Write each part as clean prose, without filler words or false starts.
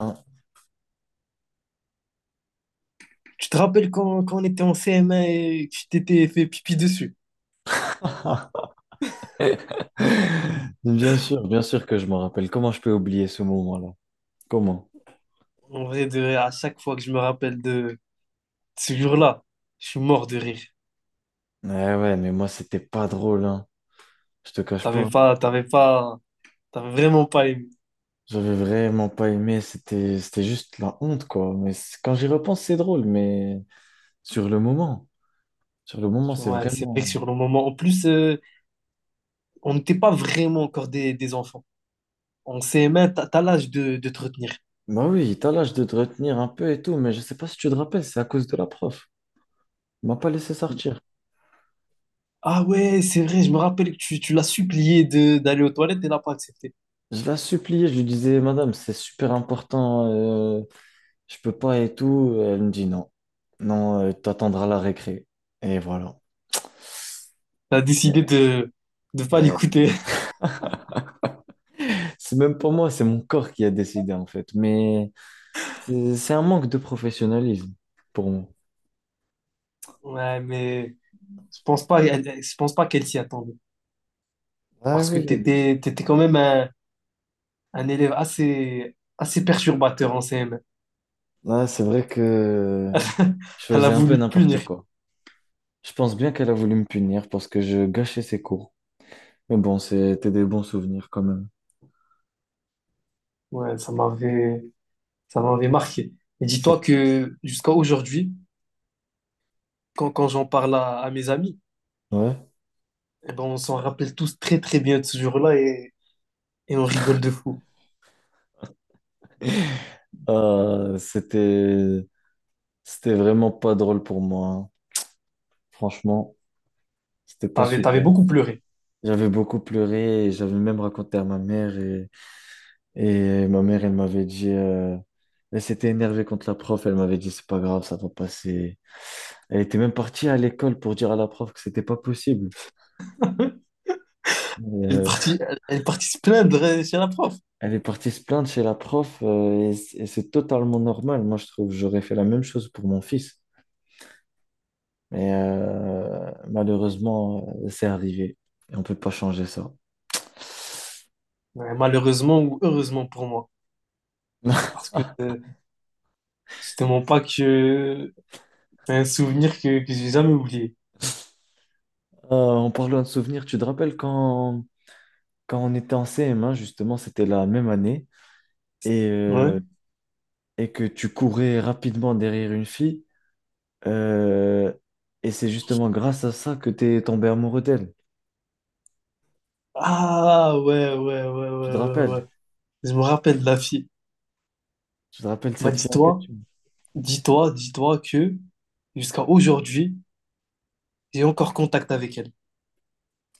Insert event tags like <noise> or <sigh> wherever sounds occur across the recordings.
Hein. Tu te rappelles quand on était en CM1 et que tu t'étais fait pipi dessus? <laughs> Bien sûr que je m'en rappelle. Comment je peux oublier ce moment-là? Comment? En vrai, à chaque fois que je me rappelle de ce jour-là, je suis mort de rire. Ouais, ouais, mais moi, c'était pas drôle, hein. Je te cache T'avais pas. pas, t'avais pas, T'avais vraiment pas aimé. J'avais vraiment pas aimé. C'était juste la honte, quoi. Mais quand j'y repense, c'est drôle, mais sur le moment, sur le moment, c'est Ouais, c'est vrai que vraiment. sur le moment, en plus, on n'était pas vraiment encore des enfants. En CM1, t'as l'âge de te retenir. Bah oui, t'as l'âge de te retenir un peu et tout, mais je sais pas si tu te rappelles, c'est à cause de la prof. Elle m'a pas laissé sortir. Ah ouais, c'est vrai, je me rappelle que tu l'as supplié d'aller aux toilettes et elle n'a pas accepté. Je la suppliais, je lui disais, Madame, c'est super important. Je peux pas et tout. Elle me dit non. Non, t'attendras la récré. Et voilà. T'as décidé de ne pas Euh, l'écouter. <laughs> c'est même pas moi, c'est mon corps qui a décidé en fait. Mais c'est un manque de professionnalisme pour moi. Ouais, mais je pense pas, je pense pas qu'elle s'y attendait. Ah Parce que tu oui. étais, quand même un élève assez perturbateur en CM. Ah, c'est vrai que <laughs> je Elle a faisais un peu voulu te n'importe punir. quoi. Je pense bien qu'elle a voulu me punir parce que je gâchais ses cours. Mais bon, c'était des bons souvenirs quand même. Ouais, ça m'avait marqué. Et dis-toi Ça- que jusqu'à aujourd'hui, quand j'en parle à mes amis, Ouais. eh ben, on s'en rappelle tous très très bien de ce jour-là et on rigole de fou. Euh, c'était c'était vraiment pas drôle pour moi, hein. Franchement, c'était pas T'avais super. beaucoup pleuré. J'avais beaucoup pleuré, et j'avais même raconté à ma mère, et ma mère, elle m'avait dit, elle s'était énervée contre la prof, elle m'avait dit, c'est pas grave, ça va passer. Elle était même partie à l'école pour dire à la prof que c'était pas possible. Elle est Euh, partie, elle est partie se plaindre chez la prof. <laughs> elle est partie se plaindre chez la prof, et, et c'est totalement normal. Moi, je trouve, j'aurais fait la même chose pour mon fils. Mais malheureusement, c'est arrivé et on peut pas changer ça. Ouais, malheureusement ou heureusement pour moi. <laughs> Parce que c'est te pas que c'est un souvenir que j'ai jamais oublié. En parlant de souvenirs, tu te rappelles quand on était en CM1, justement, c'était la même année, et, Ouais. euh, et que tu courais rapidement derrière une fille, euh, et c'est justement grâce à ça que tu es tombé amoureux d'elle. Ah, ouais, ouais, ouais, Tu te ouais, ouais, rappelles? ouais. Je me rappelle de la fille. Tu te rappelles Bah, cette fille en question? Dis-toi que jusqu'à aujourd'hui, j'ai encore contact avec elle.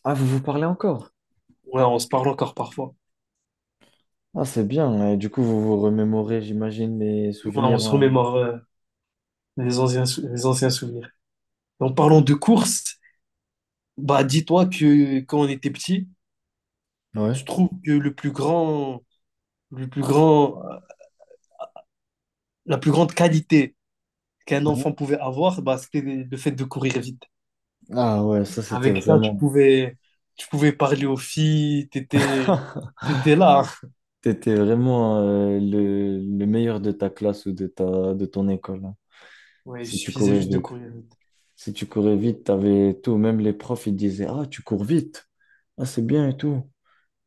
Ah, vous vous parlez encore? Ouais, on se parle encore parfois. Ah, c'est bien, hein. Et du coup, vous vous remémorez, j'imagine, les Ouais, on souvenirs se en... remémore les anciens, les anciens souvenirs. En parlant de course, bah, dis-toi que quand on était petit, je Ouais. trouve que le plus grand, euh, la plus grande qualité qu'un enfant Ouais. pouvait avoir, bah, c'était le fait de courir vite. Ah ouais, ça c'était Avec ça, vraiment... tu pouvais parler aux filles, <laughs> t'étais là. T'étais vraiment le meilleur de ta classe ou de de ton école, hein, Ouais, il si tu suffisait courais juste de vite. courir vite. Si tu courais vite, t'avais tout. Même les profs, ils disaient, Ah, tu cours vite. Ah, c'est bien et tout.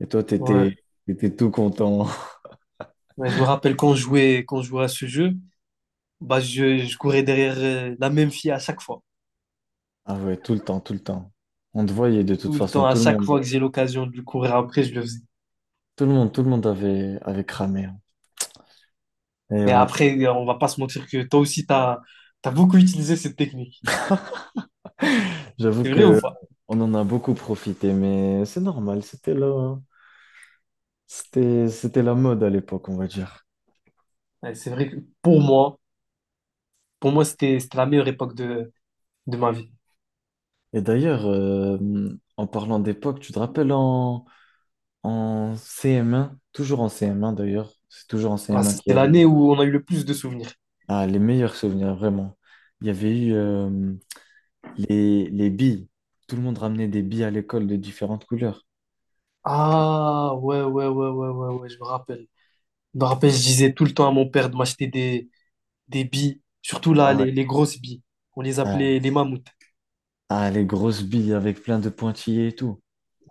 Et toi, Ouais. T'étais tout content. <laughs> Ouais, je me rappelle quand je jouais à ce jeu, bah je courais derrière la même fille à chaque fois. Ah ouais, tout le temps. On te voyait de toute Tout le façon, temps, à chaque fois que j'ai l'occasion de lui courir après, je le faisais. Tout le monde avait cramé, hein. Et Et ouais, après, on va pas se mentir que toi aussi, t'as beaucoup utilisé cette technique. j'avoue C'est vrai ou que pas? on en a beaucoup profité, mais c'est normal, c'était la mode à l'époque, on va dire. Ouais, c'est vrai que pour moi, pour moi, c'était la meilleure époque de ma vie. Et d'ailleurs, en parlant d'époque, tu te rappelles en CM1, toujours en CM1 d'ailleurs, c'est toujours en Ouais, CM1 qu'il c'était y a l'année où on a eu le plus de souvenirs. Ah, les meilleurs souvenirs, vraiment. Il y avait eu les billes. Tout le monde ramenait des billes à l'école de différentes couleurs. Ah, ouais, ouais, ouais, ouais, ouais, ouais, je me rappelle. Je me rappelle, je disais tout le temps à mon père de m'acheter des billes, surtout là, Ah ouais. Les grosses billes. On les Ah, appelait les mammouths. ah, les grosses billes avec plein de pointillés et tout.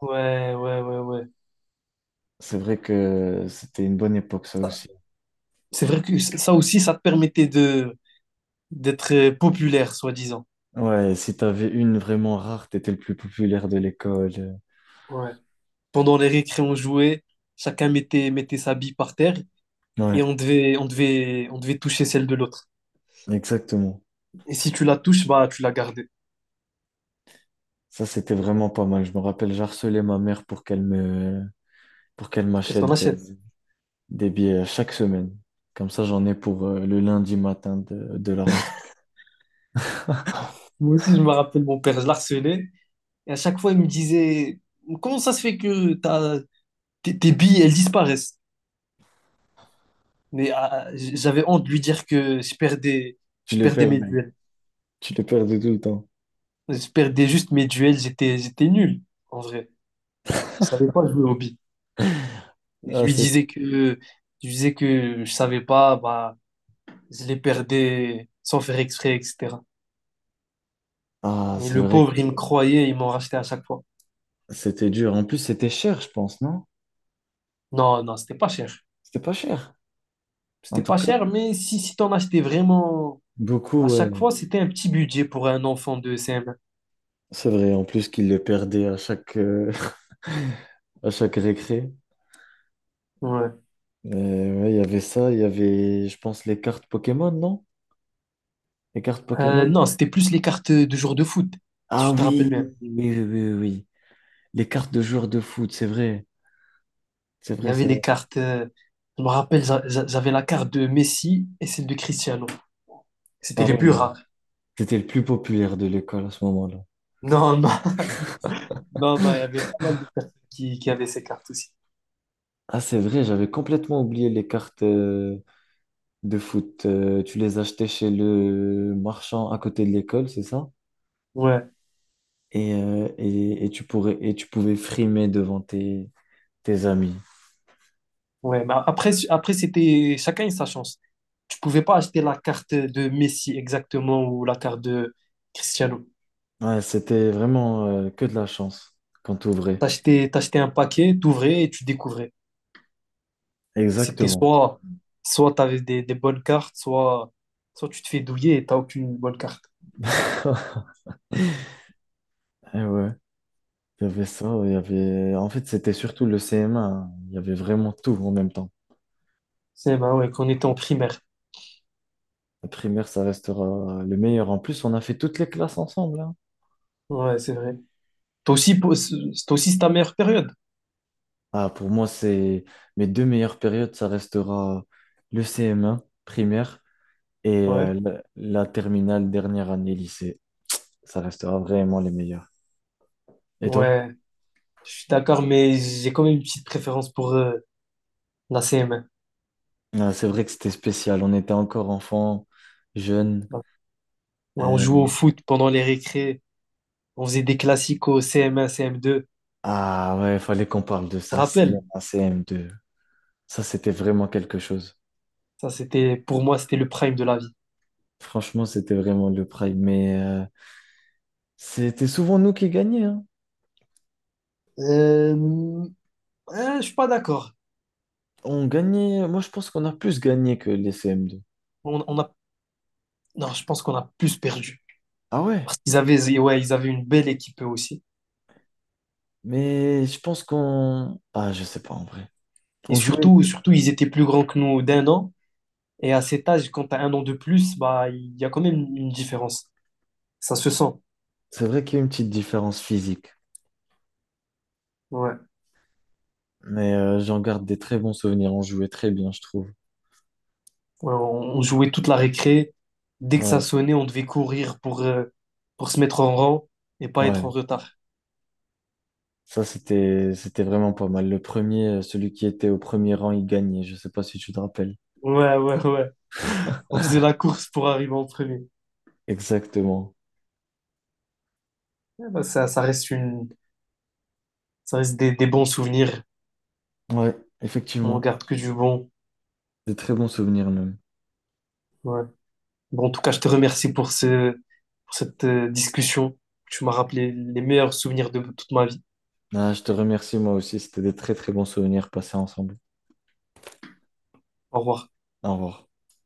Ouais, ouais, ouais, ouais. C'est vrai que c'était une bonne époque, ça aussi. C'est vrai que ça aussi, ça te permettait de d'être populaire, soi-disant. Ouais, si t'avais une vraiment rare, t'étais le plus populaire de l'école. Ouais. Pendant les récré, on jouait, chacun mettait sa bille par terre et Ouais, on devait toucher celle de l'autre. exactement. Et si tu la touches, bah, tu la gardais Ça, c'était vraiment pas mal. Je me rappelle, j'harcelais ma mère pour qu'elle pour qu'elle t'en m'achète achète. des billets chaque semaine. Comme ça, j'en ai pour le lundi matin de la rentrée. Moi aussi, je me rappelle, mon père, je la et à chaque fois, il me disait, comment ça se fait que tes billes, elles disparaissent? Mais ah, j'avais honte de lui dire que Tu je les perdais mes perdais. duels. Tu les perdais tout le temps. Je perdais juste mes duels, j'étais nul, en vrai. Je savais pas jouer aux billes. Et Ah, ça, c'est je lui disais que je savais pas, bah, je les perdais sans faire exprès, etc. ah, Et c'est le vrai pauvre, que il me croyait, il m'en rachetait à chaque fois. c'était dur. En plus, c'était cher, je pense, non? Non, non, c'était pas cher. C'était pas cher. En C'était tout pas cas, cher, mais si t'en achetais vraiment à beaucoup, ouais. chaque fois, c'était un petit budget pour un enfant de cm. C'est vrai, en plus qu'ils le perdaient à chaque, <laughs> à chaque récré. Ouais. Ouais, il y avait ça, il y avait, je pense, les cartes Pokémon, non? Les cartes Pokémon? Non, c'était plus les cartes de jour de foot, si Ah je te rappelle oui, bien. oui, oui, oui, oui. Les cartes de joueurs de foot, c'est vrai. C'est Il y vrai, avait c'est les vrai. cartes. Je me rappelle, j'avais la carte de Messi et celle de Cristiano. C'était Ah les ouais. plus rares. C'était le plus populaire de l'école à ce moment-là. Non, non, <laughs> non, non, il y avait pas mal de personnes qui avaient ces cartes aussi. Ah, c'est vrai, j'avais complètement oublié les cartes, de foot. Tu les achetais chez le marchand à côté de l'école, c'est ça? Ouais, Et, et tu pourrais, et tu pouvais frimer devant tes amis. ouais. Mais après, après c'était chacun a sa chance. Tu pouvais pas acheter la carte de Messi exactement ou la carte de Cristiano. Ouais, c'était vraiment que de la chance quand t'ouvrais. T'achetais un paquet, t'ouvrais et tu découvrais. C'était Exactement. Soit tu avais des bonnes cartes, soit tu te fais douiller et t'as aucune bonne carte. <laughs> Et ouais, il y avait ça, il y avait... En fait, c'était surtout le CM1, hein. Il y avait vraiment tout en même temps. C'est bah ouais, qu'on était en primaire. La primaire, ça restera le meilleur. En plus, on a fait toutes les classes ensemble, hein. Ouais, c'est vrai. Toi aussi, c'est aussi ta meilleure période. Ah, pour moi, c'est mes deux meilleures périodes, ça restera le CM1, primaire, et Ouais, la terminale, dernière année lycée, ça restera vraiment les meilleurs. Et toi? ouais, je suis d'accord, mais j'ai quand même une petite préférence pour la CM1. Ah, c'est vrai que c'était spécial. On était encore enfants, jeunes. Ouais, on euh, jouait au foot pendant les récrés, on faisait des classiques au CM1, CM2. Ah ouais, fallait qu'on parle de Je te ça. rappelle, CM1, CM2. Ça, c'était vraiment quelque chose. ça c'était, pour moi, c'était le prime de la vie. Franchement, c'était vraiment le prime. Mais c'était souvent nous qui gagnions, hein. Euh, je suis pas d'accord. On gagnait. Moi, je pense qu'on a plus gagné que les CM2. On a Non, je pense qu'on a plus perdu. Ah ouais, Parce qu'ils avaient, ouais, ils avaient une belle équipe eux aussi. mais je pense qu'on. Ah, je sais pas en vrai. Et On jouait surtout, mieux. surtout, ils étaient plus grands que nous d'un an. Et à cet âge, quand tu as un an de plus, bah, il y a quand même une différence. Ça se sent. C'est vrai qu'il y a une petite différence physique. Ouais. Mais j'en garde des très bons souvenirs. On jouait très bien, je trouve. Ouais, on jouait toute la récré. Dès que ça Ouais, sonnait, on devait courir pour se mettre en rang et pas être ouais. en retard. Ça, c'était vraiment pas mal. Le premier, celui qui était au premier rang, il gagnait. Je sais pas si tu te rappelles. Ouais, ouais, ouais. On faisait la course pour arriver en premier. Exactement. Ouais, bah, ça reste des bons souvenirs. Ouais, On effectivement. garde que du bon. Des très bons souvenirs même. Ouais. Bon, en tout cas, je te remercie pour pour cette discussion. Tu m'as rappelé les meilleurs souvenirs de toute ma vie. Ah, je te remercie moi aussi. C'était des très très bons souvenirs passés ensemble. Au revoir. Au revoir.